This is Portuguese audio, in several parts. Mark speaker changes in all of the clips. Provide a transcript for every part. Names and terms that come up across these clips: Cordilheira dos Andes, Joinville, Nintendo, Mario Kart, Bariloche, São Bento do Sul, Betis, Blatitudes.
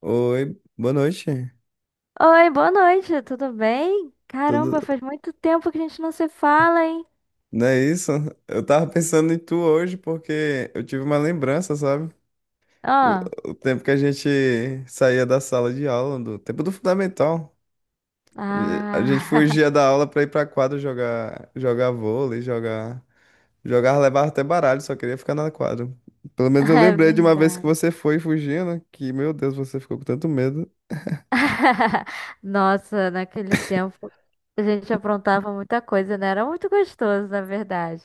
Speaker 1: Oi, boa noite.
Speaker 2: Oi, boa noite, tudo bem?
Speaker 1: Tudo,
Speaker 2: Caramba, faz muito tempo que a gente não se fala, hein?
Speaker 1: não é isso? Eu tava pensando em tu hoje porque eu tive uma lembrança, sabe?
Speaker 2: Ah,
Speaker 1: O tempo que a gente saía da sala de aula, do tempo do fundamental. E a gente
Speaker 2: ah,
Speaker 1: fugia da aula pra ir pra quadra jogar, jogar vôlei, jogar, levar até baralho, só queria ficar na quadra. Pelo menos eu
Speaker 2: é
Speaker 1: lembrei de uma vez que
Speaker 2: verdade.
Speaker 1: você foi fugindo, que, meu Deus, você ficou com tanto medo.
Speaker 2: Nossa, naquele tempo a gente aprontava muita coisa, né? Era muito gostoso, na verdade.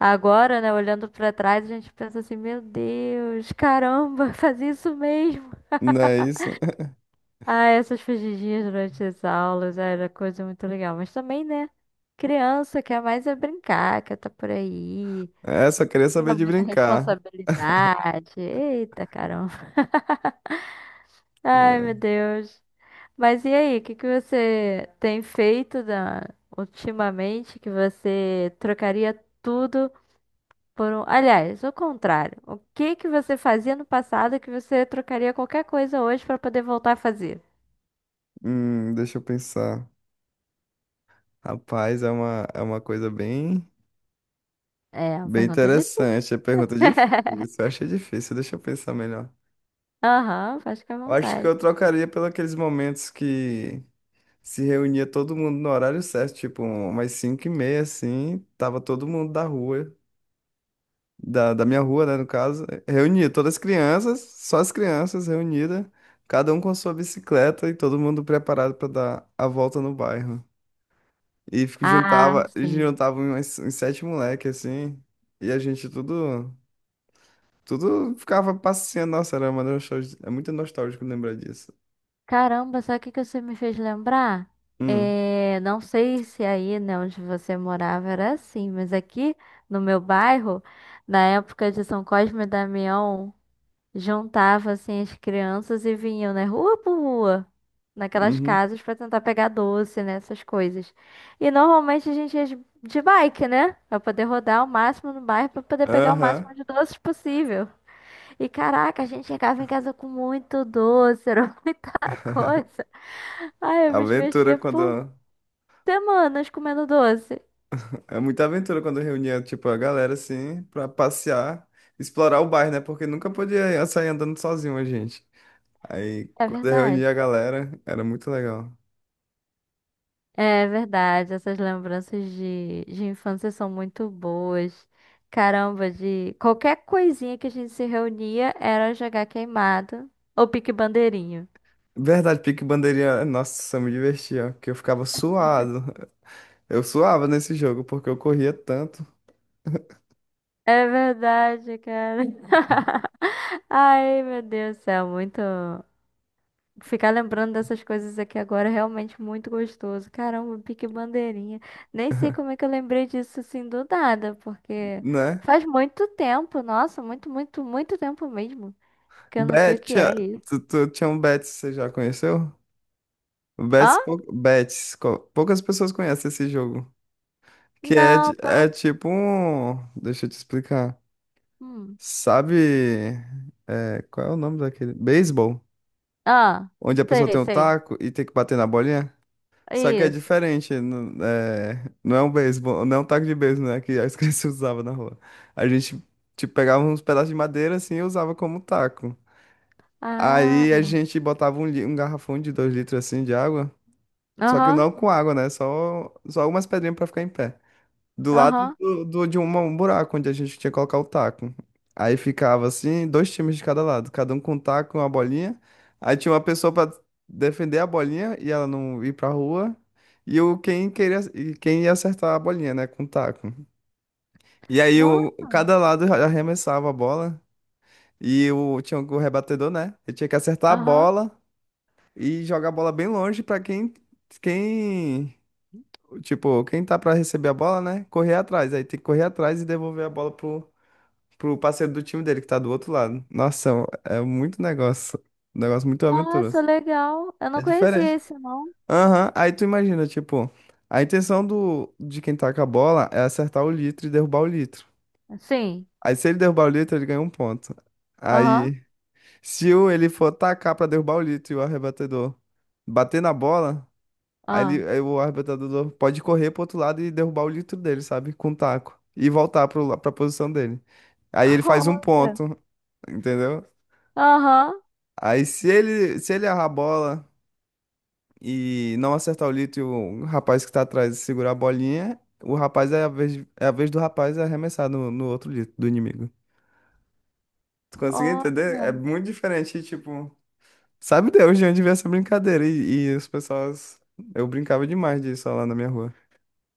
Speaker 2: Agora, né, olhando pra trás, a gente pensa assim, meu Deus, caramba, fazia isso mesmo.
Speaker 1: Não é isso?
Speaker 2: Ah, essas fugidinhas durante as aulas ah, era coisa muito legal, mas também, né? Criança quer mais é brincar, quer estar por aí.
Speaker 1: É, só queria
Speaker 2: Tinha
Speaker 1: saber de
Speaker 2: muita
Speaker 1: brincar.
Speaker 2: responsabilidade. Eita, caramba. Ai,
Speaker 1: É.
Speaker 2: meu Deus. Mas e aí, o que que você tem feito da- ultimamente que você trocaria tudo por um. Aliás, o contrário. O que que você fazia no passado que você trocaria qualquer coisa hoje pra poder voltar a fazer?
Speaker 1: Deixa eu pensar. Rapaz, é uma coisa bem,
Speaker 2: É, uma
Speaker 1: bem
Speaker 2: pergunta difícil.
Speaker 1: interessante. É pergunta é difícil. Eu achei difícil, deixa eu pensar melhor.
Speaker 2: Aham, faz com à
Speaker 1: Eu acho que eu
Speaker 2: vontade.
Speaker 1: trocaria pelos aqueles momentos que se reunia todo mundo no horário certo, tipo umas 5 e meia, assim, tava todo mundo da rua, da minha rua, né, no caso, reunia todas as crianças, só as crianças reunidas, cada um com sua bicicleta e todo mundo preparado para dar a volta no bairro. E
Speaker 2: Ah,
Speaker 1: juntava,
Speaker 2: sim.
Speaker 1: juntava uns sete moleques, assim. E a gente tudo. Tudo ficava passeando. Nossa, era uma nostalgia. É muito nostálgico lembrar disso.
Speaker 2: Caramba, sabe o que que você me fez lembrar?
Speaker 1: Hum,
Speaker 2: É, não sei se aí, né, onde você morava era assim, mas aqui no meu bairro, na época de São Cosme e Damião, juntava assim as crianças e vinham, né, rua por rua, naquelas
Speaker 1: uhum.
Speaker 2: casas pra tentar pegar doce, né, essas coisas. E normalmente a gente ia de bike, né, pra poder rodar o máximo no bairro pra poder pegar o
Speaker 1: Aham.
Speaker 2: máximo de doces possível. E caraca, a gente chegava em casa com muito doce, era muita coisa. Ai, eu me
Speaker 1: Aventura
Speaker 2: divertia por
Speaker 1: quando.
Speaker 2: semanas comendo doce.
Speaker 1: É muita aventura quando reunia, tipo, a galera, assim, pra passear, explorar o bairro, né? Porque nunca podia sair andando sozinho a gente. Aí,
Speaker 2: É
Speaker 1: quando eu reunia
Speaker 2: verdade.
Speaker 1: a galera, era muito legal.
Speaker 2: É verdade. Essas lembranças de infância são muito boas. Caramba, de qualquer coisinha que a gente se reunia era jogar queimado ou pique bandeirinho.
Speaker 1: Verdade, pique bandeirinha. Nossa, eu me divertia, porque eu ficava suado. Eu suava nesse jogo porque eu corria tanto,
Speaker 2: É verdade, cara. Ai, meu Deus do céu, muito. Ficar lembrando dessas coisas aqui agora é realmente muito gostoso. Caramba, pique bandeirinha. Nem sei como é que eu lembrei disso assim do nada, porque
Speaker 1: né?
Speaker 2: faz muito tempo, nossa, muito, muito, muito tempo mesmo, que eu não sei o que é
Speaker 1: Betia,
Speaker 2: isso.
Speaker 1: tu tinha um Betis, você já conheceu? O Betis,
Speaker 2: Hã?
Speaker 1: Betis, poucas pessoas conhecem esse jogo. Que é,
Speaker 2: Não,
Speaker 1: é
Speaker 2: pelo.
Speaker 1: tipo um. Deixa eu te explicar.
Speaker 2: hum.
Speaker 1: Sabe. É, qual é o nome daquele? Beisebol.
Speaker 2: Ah,
Speaker 1: Onde a pessoa
Speaker 2: sei,
Speaker 1: tem um
Speaker 2: sei.
Speaker 1: taco e tem que bater na bolinha. Só que é
Speaker 2: Isso.
Speaker 1: diferente. Não é um beisebol, não é um taco de beisebol, né? Que as crianças usavam na rua. A gente, tipo, pegava uns pedaços de madeira assim e usava como taco.
Speaker 2: Ah,
Speaker 1: Aí a gente botava um, um garrafão de dois litros assim de água, só que
Speaker 2: aham,
Speaker 1: não com água, né? Só algumas pedrinhas pra ficar em pé. Do lado
Speaker 2: aham.
Speaker 1: um buraco onde a gente tinha que colocar o taco. Aí ficava assim, dois times de cada lado, cada um com um taco e uma bolinha. Aí tinha uma pessoa pra defender a bolinha e ela não ir pra rua. E o quem queria e quem ia acertar a bolinha, né, com o taco. E aí
Speaker 2: Não,
Speaker 1: o, cada lado arremessava a bola e o tinha o rebatedor, né? Ele tinha que acertar a
Speaker 2: aham.
Speaker 1: bola e jogar a bola bem longe pra quem, tipo, quem tá pra receber a bola, né? Correr atrás. Aí tem que correr atrás e devolver a bola pro, pro parceiro do time dele que tá do outro lado. Nossa, é muito negócio. Um negócio muito
Speaker 2: Nossa,
Speaker 1: aventuroso.
Speaker 2: legal. Eu
Speaker 1: É
Speaker 2: não conhecia
Speaker 1: diferente.
Speaker 2: esse, não.
Speaker 1: Aham, aí tu imagina, tipo, a intenção do, de quem tá com a bola é acertar o litro e derrubar o litro.
Speaker 2: Sim,
Speaker 1: Aí se ele derrubar o litro, ele ganha um ponto.
Speaker 2: aham,
Speaker 1: Aí, se o, ele for tacar pra derrubar o litro e o arrebatedor bater na bola, aí,
Speaker 2: ah.
Speaker 1: aí o arrebentador pode correr pro outro lado e derrubar o litro dele, sabe? Com o taco. E voltar pro, pra posição dele. Aí ele faz um
Speaker 2: Olha,
Speaker 1: ponto, entendeu?
Speaker 2: aham,
Speaker 1: Aí se ele errar a bola e não acertar o litro e o rapaz que tá atrás segurar a bolinha, o rapaz é a vez do rapaz arremessar no outro litro do inimigo. Tu conseguiu
Speaker 2: olha.
Speaker 1: entender? É muito diferente, tipo. Sabe Deus de onde veio essa brincadeira? E as pessoas. Eu brincava demais disso lá na minha rua.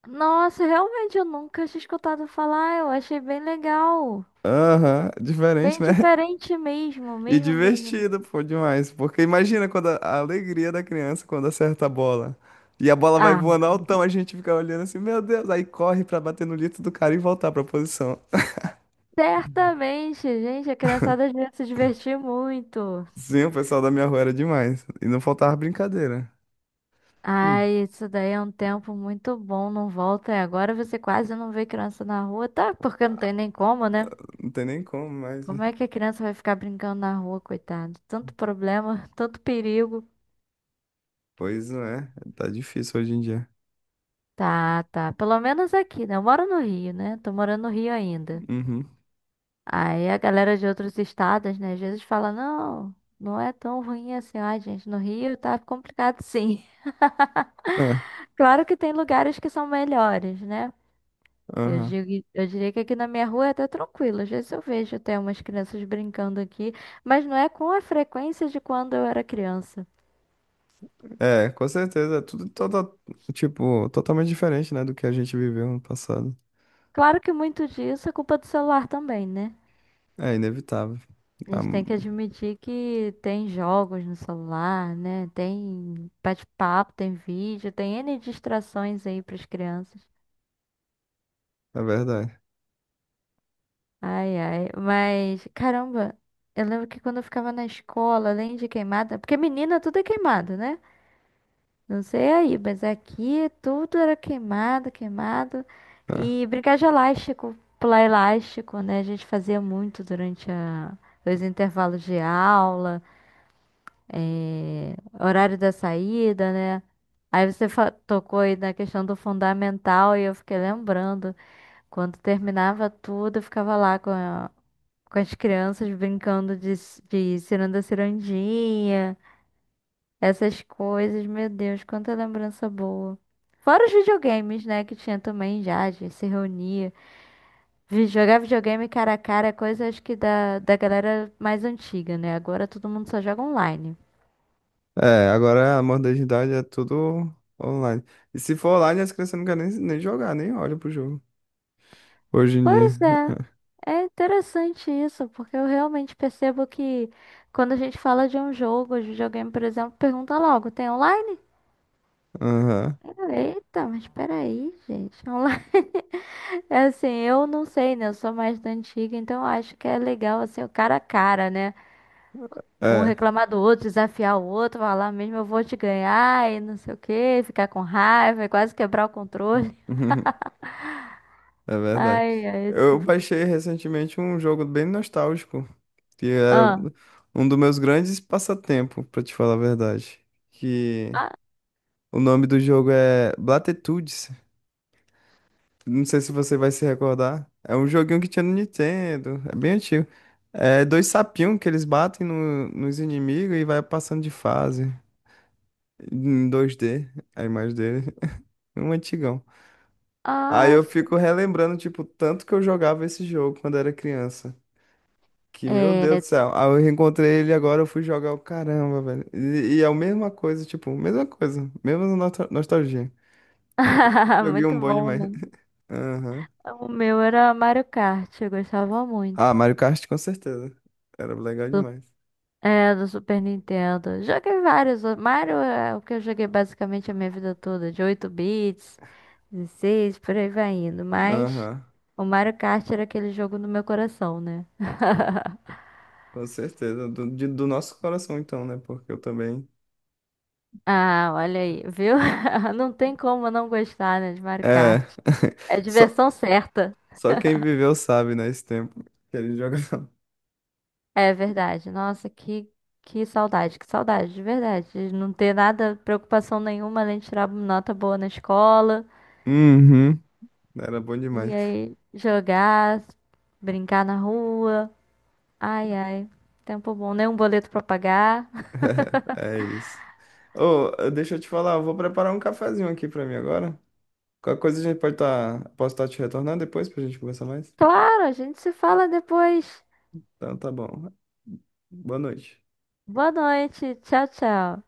Speaker 2: Nossa, realmente eu nunca tinha escutado falar. Eu achei bem legal.
Speaker 1: Aham, diferente,
Speaker 2: Bem
Speaker 1: né?
Speaker 2: diferente mesmo,
Speaker 1: E
Speaker 2: mesmo, mesmo.
Speaker 1: divertido, pô, demais. Porque imagina quando a alegria da criança quando acerta a bola. E a bola vai
Speaker 2: Ah,
Speaker 1: voando altão, a gente fica olhando assim, meu Deus, aí corre pra bater no litro do cara e voltar pra posição.
Speaker 2: certamente, gente. A criançada devia se divertir muito.
Speaker 1: Sim, o pessoal da minha rua era demais. E não faltava brincadeira. Hum,
Speaker 2: Ai, isso daí é um tempo muito bom, não volta. E agora você quase não vê criança na rua. Tá, porque não tem nem como, né?
Speaker 1: não tem nem como, mas.
Speaker 2: Como é que a criança vai ficar brincando na rua, coitado? Tanto problema, tanto perigo.
Speaker 1: Pois não é, tá difícil hoje em dia.
Speaker 2: Tá, tá. Pelo menos aqui, né? Eu moro no Rio, né? Tô morando no Rio ainda.
Speaker 1: Uhum.
Speaker 2: Aí a galera de outros estados, né, às vezes fala, não, não é tão ruim assim. Ai, gente, no Rio tá complicado sim.
Speaker 1: É,
Speaker 2: Claro que tem lugares que são melhores, né?
Speaker 1: aham.
Speaker 2: Eu diria que aqui na minha rua é até tranquilo. Às vezes eu vejo até umas crianças brincando aqui, mas não é com a frequência de quando eu era criança.
Speaker 1: É, com certeza. É tudo toda, tipo, totalmente diferente, né, do que a gente viveu no passado.
Speaker 2: Claro que muito disso é culpa do celular também, né?
Speaker 1: É inevitável.
Speaker 2: A
Speaker 1: Ah,
Speaker 2: gente tem que admitir que tem jogos no celular, né? Tem bate-papo, tem vídeo, tem N distrações aí para as crianças.
Speaker 1: é verdade.
Speaker 2: Ai, ai. Mas, caramba, eu lembro que quando eu ficava na escola, além de queimada, porque menina tudo é queimado, né? Não sei aí, mas aqui tudo era queimado, queimado.
Speaker 1: É.
Speaker 2: E brincar de elástico, pular elástico, né? A gente fazia muito durante os intervalos de aula, horário da saída, né? Tocou aí na questão do fundamental e eu fiquei lembrando. Quando terminava tudo, eu ficava lá com as crianças brincando de ciranda cirandinha, essas coisas, meu Deus, quanta lembrança boa. Fora os videogames, né, que tinha também já, a gente se reunia. Jogar videogame cara a cara é coisa acho que da galera mais antiga, né? Agora todo mundo só joga online.
Speaker 1: É, agora a modernidade é tudo online. E se for online, as crianças não querem nem jogar, nem olham pro jogo. Hoje em dia.
Speaker 2: Pois é, é interessante isso, porque eu realmente percebo que quando a gente fala de um jogo, de videogame, por exemplo, pergunta logo, tem online?
Speaker 1: Aham.
Speaker 2: Eita, mas peraí, gente, online. É assim, eu não sei, né? Eu sou mais da antiga, então eu acho que é legal, assim, o cara a cara, né? Um
Speaker 1: É.
Speaker 2: reclamar do outro, desafiar o outro, falar mesmo, eu vou te ganhar e não sei o quê, ficar com raiva e quase quebrar o controle.
Speaker 1: É verdade.
Speaker 2: Ai, ai, esse
Speaker 1: Eu
Speaker 2: tipo.
Speaker 1: baixei recentemente um jogo bem nostálgico, que era
Speaker 2: Ah,
Speaker 1: um dos meus grandes passatempos, pra te falar a verdade. Que
Speaker 2: ah,
Speaker 1: o nome do jogo é Blatitudes. Não sei se você vai se recordar. É um joguinho que tinha no Nintendo. É bem antigo. É dois sapinhos que eles batem nos inimigos e vai passando de fase. Em 2D, a imagem dele. Um antigão. Aí
Speaker 2: ah,
Speaker 1: eu
Speaker 2: sim.
Speaker 1: fico relembrando, tipo, tanto que eu jogava esse jogo quando era criança. Que, meu Deus do
Speaker 2: É.
Speaker 1: céu. Aí eu reencontrei ele agora, eu fui jogar o caramba, velho. E é a mesma coisa, tipo, mesma coisa. Mesma nostalgia. Joguei um
Speaker 2: Muito
Speaker 1: bom
Speaker 2: bom,
Speaker 1: demais.
Speaker 2: né?
Speaker 1: Aham.
Speaker 2: O meu era Mario Kart, eu gostava
Speaker 1: Ah,
Speaker 2: muito.
Speaker 1: Mario Kart com certeza. Era legal
Speaker 2: Do-
Speaker 1: demais.
Speaker 2: É, do Super Nintendo. Joguei vários. Outros. Mario é o que eu joguei basicamente a minha vida toda, de 8 bits. 16, por aí vai indo. Mas
Speaker 1: Aham,
Speaker 2: o Mario Kart era aquele jogo no meu coração, né?
Speaker 1: com certeza. Do, do nosso coração, então, né? Porque eu também.
Speaker 2: Ah, olha aí, viu? Não tem como não gostar, né, de Mario
Speaker 1: É.
Speaker 2: Kart. É a
Speaker 1: Só,
Speaker 2: diversão certa.
Speaker 1: só quem viveu sabe, né? Esse tempo que ele jogava.
Speaker 2: É verdade. Nossa, que saudade, de verdade. De não ter nada, preocupação nenhuma, além de tirar nota boa na escola.
Speaker 1: Uhum. Era bom
Speaker 2: E
Speaker 1: demais.
Speaker 2: aí, jogar, brincar na rua. Ai, ai, tempo bom, nem um boleto pra pagar.
Speaker 1: É isso. Ô, deixa eu te falar, eu vou preparar um cafezinho aqui pra mim agora. Qualquer coisa a gente pode estar. Posso estar te retornando depois pra gente conversar mais?
Speaker 2: Claro, a gente se fala depois.
Speaker 1: Então tá bom. Boa noite.
Speaker 2: Boa noite. Tchau, tchau.